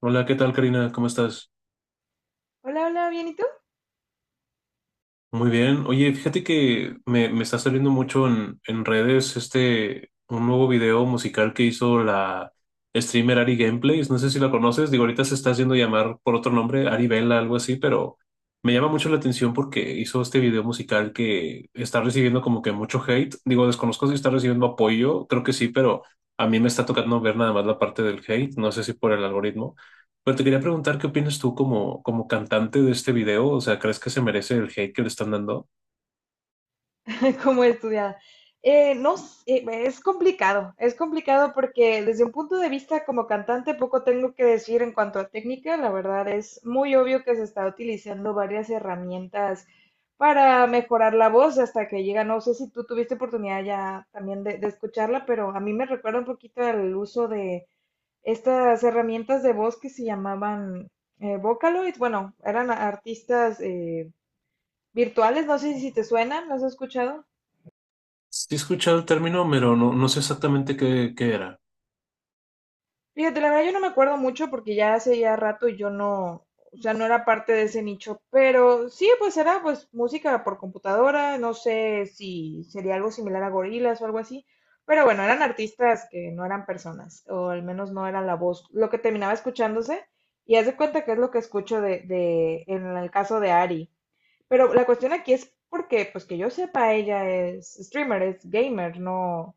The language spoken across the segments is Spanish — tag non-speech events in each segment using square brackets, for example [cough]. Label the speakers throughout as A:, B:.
A: Hola, ¿qué tal, Karina? ¿Cómo estás?
B: Hola, hola, bien, ¿y tú?
A: Muy bien. Oye, fíjate que me está saliendo mucho en redes este un nuevo video musical que hizo la streamer Ari Gameplays. No sé si la conoces. Digo, ahorita se está haciendo llamar por otro nombre, Ari Vela, algo así, pero me llama mucho la atención porque hizo este video musical que está recibiendo como que mucho hate. Digo, desconozco si está recibiendo apoyo, creo que sí, pero a mí me está tocando ver nada más la parte del hate. No sé si por el algoritmo. Pero te quería preguntar qué opinas tú como, como cantante de este video. O sea, ¿crees que se merece el hate que le están dando?
B: [laughs] ¿Cómo estudiada? No, s- Es complicado, es complicado porque desde un punto de vista como cantante poco tengo que decir en cuanto a técnica. La verdad es muy obvio que se está utilizando varias herramientas para mejorar la voz hasta que llega. No sé si tú tuviste oportunidad ya también de escucharla, pero a mí me recuerda un poquito el uso de estas herramientas de voz que se llamaban Vocaloid. Bueno, eran artistas virtuales, no sé si te suenan, ¿las has escuchado?
A: Sí he escuchado el término, pero no, no sé exactamente qué, qué era.
B: Fíjate, la verdad yo no me acuerdo mucho porque ya hace ya rato y yo no, o sea, no era parte de ese nicho, pero sí, pues era pues música por computadora. No sé si sería algo similar a gorilas o algo así, pero bueno, eran artistas que no eran personas, o al menos no era la voz lo que terminaba escuchándose, y haz de cuenta que es lo que escucho en el caso de Ari. Pero la cuestión aquí es porque, pues que yo sepa, ella es streamer, es gamer, no,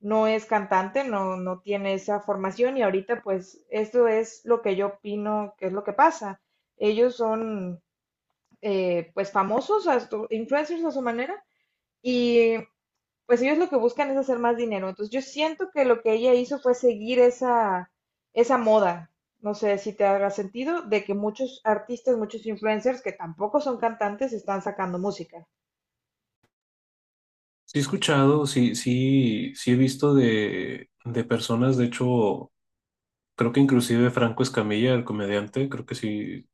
B: no es cantante, no, no tiene esa formación, y ahorita pues esto es lo que yo opino que es lo que pasa. Ellos son pues famosos, a influencers a su manera, y pues ellos lo que buscan es hacer más dinero. Entonces yo siento que lo que ella hizo fue seguir esa moda. No sé si te haga sentido de que muchos artistas, muchos influencers que tampoco son cantantes están sacando música.
A: Sí he escuchado, sí, sí, sí he visto de personas, de hecho. Creo que inclusive Franco Escamilla, el comediante, creo que sí,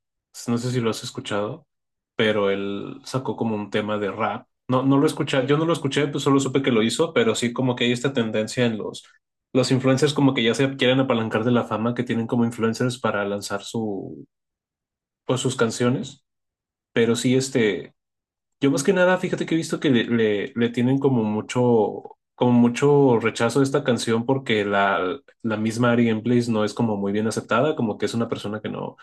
A: no sé si lo has escuchado, pero él sacó como un tema de rap. No, no lo escuché, yo
B: Sí.
A: no lo escuché, pues solo supe que lo hizo, pero sí como que hay esta tendencia en los influencers como que ya se quieren apalancar de la fama que tienen como influencers para lanzar su, pues sus canciones, pero sí este... Yo más que nada, fíjate que he visto que le tienen como mucho rechazo a esta canción porque la misma Ari Gameplays no es como muy bien aceptada, como que es una persona que no,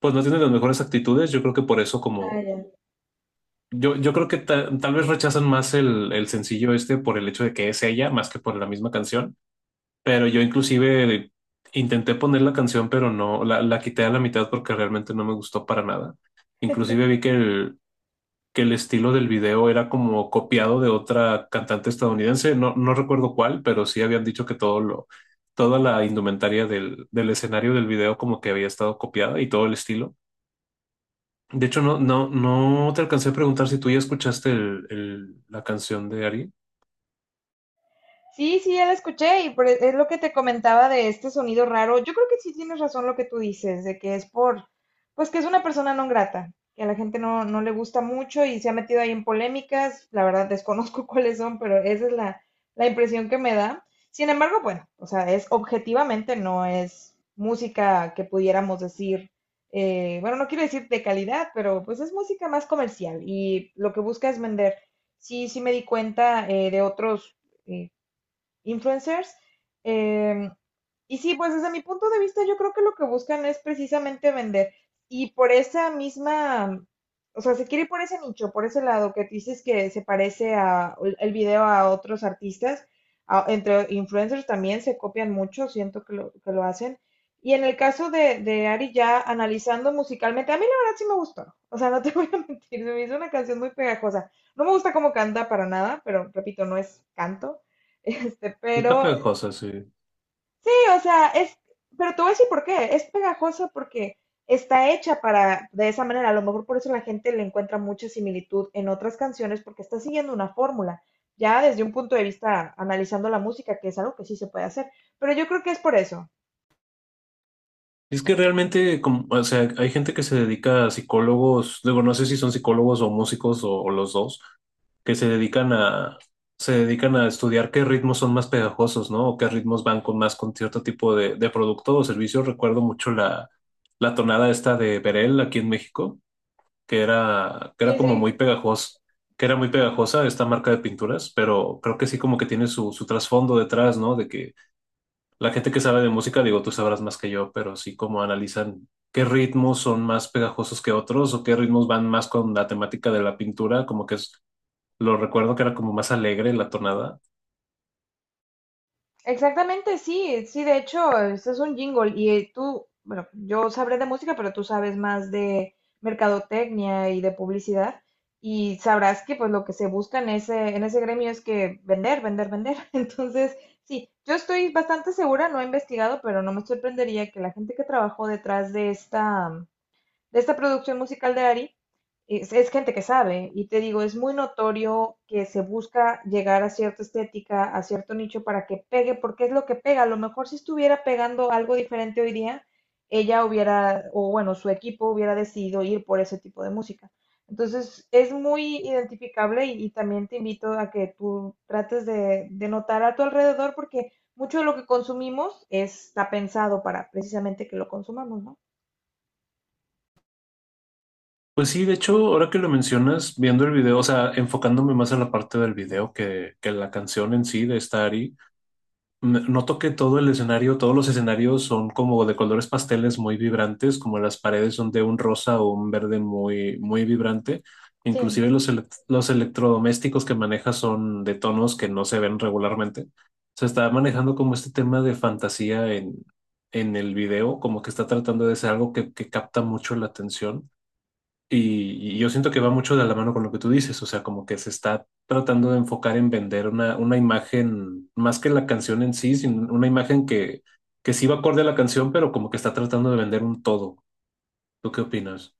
A: pues no tiene las mejores actitudes. Yo creo que por eso
B: Ah,
A: como,
B: ya.
A: yo creo que tal vez rechazan más el sencillo este por el hecho de que es ella, más que por la misma canción. Pero yo inclusive intenté poner la canción, pero no, la quité a la mitad porque realmente no me gustó para nada. Inclusive vi que el estilo del video era como copiado de otra cantante estadounidense, no, no recuerdo cuál, pero sí habían dicho que todo lo, toda la indumentaria del, del escenario del video como que había estado copiada y todo el estilo. De hecho, no, no, no te alcancé a preguntar si tú ya escuchaste la canción de Ari.
B: Sí, sí, ya la escuché y es lo que te comentaba de este sonido raro. Yo creo que sí tienes razón lo que tú dices, de que es por, pues que es una persona no grata, que a la gente no, no le gusta mucho y se ha metido ahí en polémicas. La verdad desconozco [laughs] cuáles son, pero esa es la impresión que me da. Sin embargo, bueno, o sea, es objetivamente no es música que pudiéramos decir, bueno, no quiero decir de calidad, pero pues es música más comercial y lo que busca es vender. Sí, sí me di cuenta de otros eh, influencers. Eh, y sí, pues desde mi punto de vista yo creo que lo que buscan es precisamente vender. Y por esa misma, o sea, se quiere ir por ese nicho, por ese lado que dices que se parece a el video a otros artistas, entre influencers también se copian mucho, siento que que lo hacen. Y en el caso de Ari, ya analizando musicalmente, a mí la verdad sí me gustó. O sea, no te [laughs] voy a mentir, se me hizo una canción muy pegajosa. No me gusta cómo canta para nada, pero repito, no es canto. [laughs] Este,
A: Está
B: pero sí,
A: pegajosa, sí.
B: o sea, es, pero te voy a decir por qué. Es pegajosa porque está hecha para, de esa manera. A lo mejor por eso la gente le encuentra mucha similitud en otras canciones porque está siguiendo una fórmula, ya desde un punto de vista analizando la música, que es algo que sí se puede hacer, pero yo creo que es por eso.
A: Es que realmente, como- o sea, hay gente que se dedica a psicólogos, digo, no sé si son psicólogos o músicos o los dos, que se dedican a estudiar qué ritmos son más pegajosos, ¿no? O qué ritmos van con más con cierto tipo de producto o servicio. Recuerdo mucho la tonada esta de Berel aquí en México, que era, que
B: Sí,
A: era
B: sí.
A: como muy pegajosa, que era muy pegajosa esta marca de pinturas, pero creo que sí como que tiene su, su trasfondo detrás, ¿no? De que la gente que sabe de música, digo, tú sabrás más que yo, pero sí como analizan qué ritmos son más pegajosos que otros o qué ritmos van más con la temática de la pintura, como que es, lo recuerdo que era como más alegre la tonada.
B: Exactamente, sí, sí, de hecho, este es un jingle y tú, bueno, yo sabré de música, pero tú sabes más de mercadotecnia y de publicidad, y sabrás que pues lo que se busca en en ese gremio es que vender, vender, vender. [laughs] Entonces, sí, yo estoy bastante segura, no he investigado, pero no me sorprendería que la gente que trabajó detrás de de esta producción musical de Ari, es gente que sabe, y te digo, es muy notorio que se busca llegar a cierta estética, a cierto nicho para que pegue, porque es lo que pega. A lo mejor si estuviera pegando algo diferente hoy día, ella hubiera, o bueno, su equipo hubiera decidido ir por ese tipo de música. Entonces, es muy identificable, y también te invito a que tú trates de notar a tu alrededor, porque mucho de lo que consumimos está pensado para precisamente que lo consumamos, ¿no?
A: Pues sí, de hecho, ahora que lo mencionas, viendo el video, o sea, enfocándome más en la parte del video que la canción en sí de esta Ari, Noto que todo el escenario, todos los escenarios son como de colores pasteles muy vibrantes, como las paredes son de un rosa o un verde muy, muy vibrante.
B: Sí.
A: Inclusive los electrodomésticos que maneja son de tonos que no se ven regularmente. Se está manejando como este tema de fantasía en el video, como que está tratando de ser algo que capta mucho la atención. Y yo siento que va mucho de la mano con lo que tú dices, o sea, como que se está tratando de enfocar en vender una imagen, más que la canción en sí, sino una imagen que sí va acorde a la canción, pero como que está tratando de vender un todo. ¿Tú qué opinas?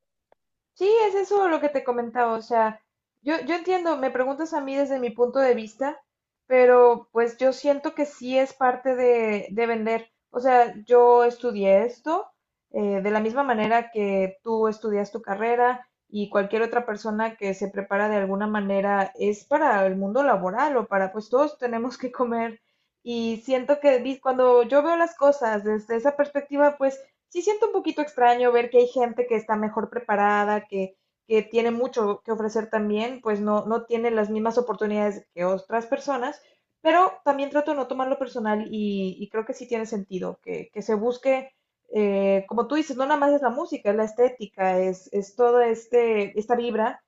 B: Sí, es eso lo que te comentaba, o sea, yo entiendo, me preguntas a mí desde mi punto de vista, pero pues yo siento que sí es parte de vender. O sea, yo estudié esto de la misma manera que tú estudias tu carrera, y cualquier otra persona que se prepara de alguna manera es para el mundo laboral, o para, pues todos tenemos que comer. Y siento que cuando yo veo las cosas desde esa perspectiva, pues sí siento un poquito extraño ver que hay gente que está mejor preparada, que tiene mucho que ofrecer también, pues no, no tiene las mismas oportunidades que otras personas, pero también trato de no tomarlo personal, y creo que sí tiene sentido que se busque, como tú dices, no nada más es la música, es la estética, es toda este, esta vibra,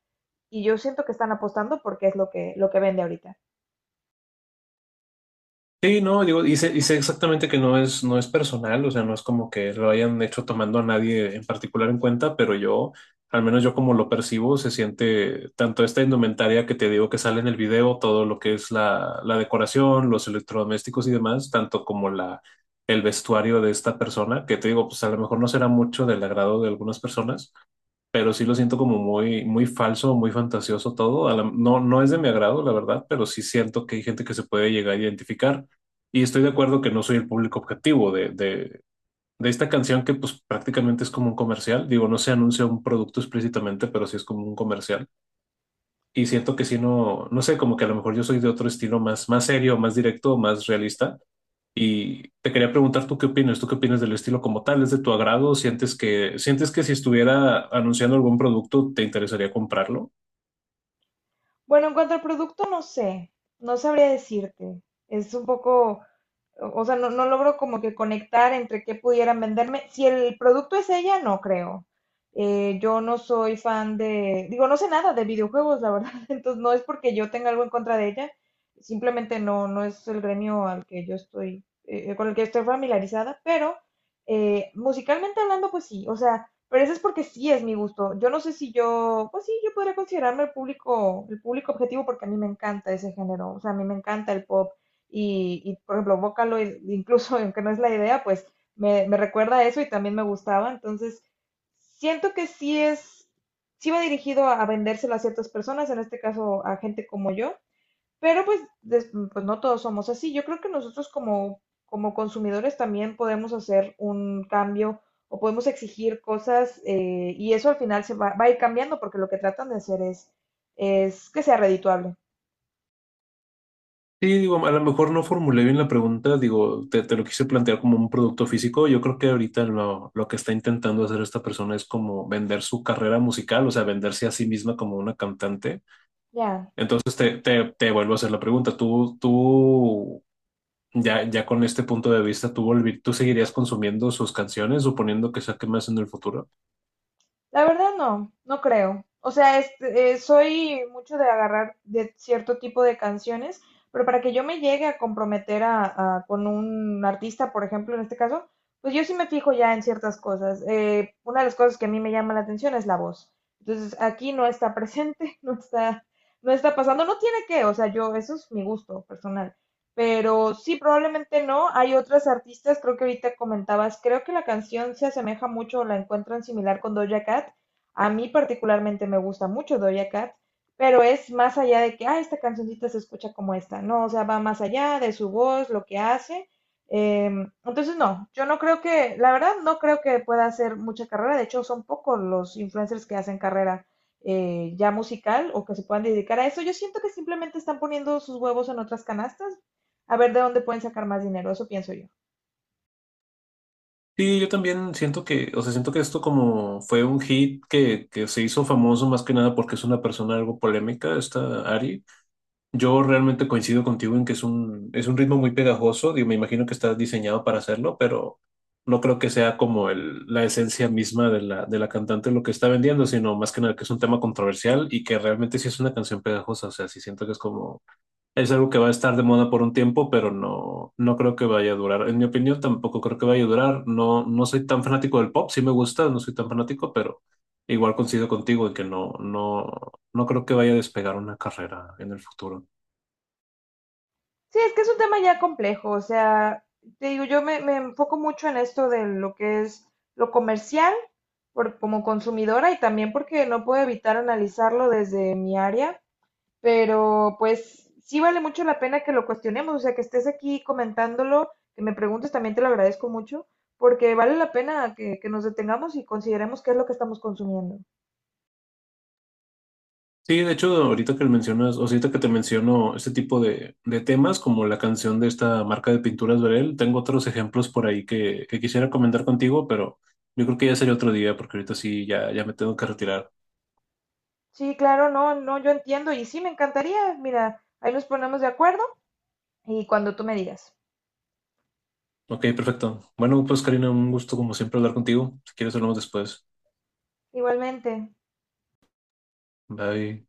B: y yo siento que están apostando porque es lo que vende ahorita.
A: Sí, no, digo, y sé exactamente que no es, no es personal, o sea, no es como que lo hayan hecho tomando a nadie en particular en cuenta, pero yo, al menos yo como lo percibo, se siente tanto esta indumentaria que te digo que sale en el video, todo lo que es la decoración, los electrodomésticos y demás, tanto como la, el vestuario de esta persona, que te digo, pues a lo mejor no será mucho del agrado de algunas personas, pero sí lo siento como muy, muy falso, muy fantasioso todo. A la- no, no es de mi agrado, la verdad, pero sí siento que hay gente que se puede llegar a identificar. Y estoy de acuerdo que no soy el público objetivo de esta canción que pues prácticamente es como un comercial. Digo, no se anuncia un producto explícitamente, pero sí es como un comercial. Y siento que si no, no sé, como que a lo mejor yo soy de otro estilo más, más serio, más directo, más realista. Y te quería preguntar, ¿tú qué opinas? ¿Tú qué opinas del estilo como tal? ¿Es de tu agrado? Sientes que si estuviera anunciando algún producto te interesaría comprarlo?
B: Bueno, en cuanto al producto, no sé, no sabría decirte. Es un poco, o sea, no, no logro como que conectar entre qué pudieran venderme. Si el producto es ella, no creo. Yo no soy fan de, digo, no sé nada de videojuegos, la verdad. [laughs] Entonces, no es porque yo tenga algo en contra de ella, simplemente no, no es el gremio al que yo estoy, con el que estoy familiarizada, pero musicalmente hablando, pues sí, o sea, pero eso es porque sí es mi gusto. Yo no sé si yo, pues sí, yo podría considerarme el público objetivo porque a mí me encanta ese género. O sea, a mí me encanta el pop. Y, por ejemplo, Vocaloid, incluso [laughs] aunque no es la idea, pues me recuerda a eso, y también me gustaba. Entonces, siento que sí es, sí va dirigido a vendérselo a ciertas personas, en este caso a gente como yo. Pero pues, pues no todos somos así. Yo creo que nosotros como, como consumidores también podemos hacer un cambio, o podemos exigir cosas y eso al final va a ir cambiando porque lo que tratan de hacer es que sea redituable.
A: Sí, digo, a lo mejor no formulé bien la pregunta, digo, te lo quise plantear como un producto físico. Yo creo que ahorita lo que está intentando hacer esta persona es como vender su carrera musical, o sea, venderse a sí misma como una cantante.
B: Ya.
A: Entonces te vuelvo a hacer la pregunta, ¿tú ya con este punto de vista, ¿tú, tú seguirías consumiendo sus canciones suponiendo que saque más en el futuro?
B: La verdad no, no creo. O sea, este, soy mucho de agarrar de cierto tipo de canciones, pero para que yo me llegue a comprometer con un artista, por ejemplo, en este caso, pues yo sí me fijo ya en ciertas cosas. Una de las cosas que a mí me llama la atención es la voz. Entonces, aquí no está presente, [laughs] no está, no está pasando, no tiene que, o sea, yo, eso es mi gusto personal. Pero sí, probablemente no. Hay otras artistas, creo que ahorita comentabas, creo que la canción se asemeja mucho o la encuentran similar con Doja Cat. A mí particularmente me gusta mucho Doja Cat, pero es más allá de que, ah, esta cancioncita se escucha como esta. No, o sea, va más allá de su voz, lo que hace. Entonces, no, yo no creo que, la verdad, no creo que pueda hacer mucha carrera. De hecho, son pocos los influencers que hacen carrera, ya musical, o que se puedan dedicar a eso. Yo siento que simplemente están poniendo sus huevos en otras canastas, a ver de dónde pueden sacar más dinero, eso pienso yo.
A: Sí, yo también siento que, o sea, siento que esto como fue un hit que se hizo famoso más que nada porque es una persona algo polémica, esta Ari. Yo realmente coincido contigo en que es un ritmo muy pegajoso, digo, me imagino que está diseñado para hacerlo, pero no creo que sea como el, la esencia misma de la cantante lo que está vendiendo, sino más que nada que es un tema controversial y que realmente sí es una canción pegajosa, o sea, sí siento que es como es algo que va a estar de moda por un tiempo, pero no, no creo que vaya a durar. En mi opinión, tampoco creo que vaya a durar. No, no soy tan fanático del pop, sí me gusta, no soy tan fanático, pero igual coincido contigo en que no, no, no creo que vaya a despegar una carrera en el futuro.
B: Sí, es que es un tema ya complejo, o sea, te digo, yo me enfoco mucho en esto de lo que es lo comercial por, como consumidora, y también porque no puedo evitar analizarlo desde mi área, pero pues sí vale mucho la pena que lo cuestionemos, o sea, que estés aquí comentándolo, que me preguntes, también te lo agradezco mucho, porque vale la pena que nos detengamos y consideremos qué es lo que estamos consumiendo.
A: Sí, de hecho, ahorita que mencionas, o sea, ahorita que te menciono este tipo de temas, como la canción de esta marca de pinturas Verel, tengo otros ejemplos por ahí que quisiera comentar contigo, pero yo creo que ya sería otro día, porque ahorita sí ya, ya me tengo que retirar.
B: Sí, claro, no, no, yo entiendo y sí me encantaría, mira, ahí nos ponemos de acuerdo. Y cuando tú me digas.
A: Ok, perfecto. Bueno, pues Karina, un gusto como siempre hablar contigo. Si quieres, hablamos después.
B: Igualmente.
A: Bye.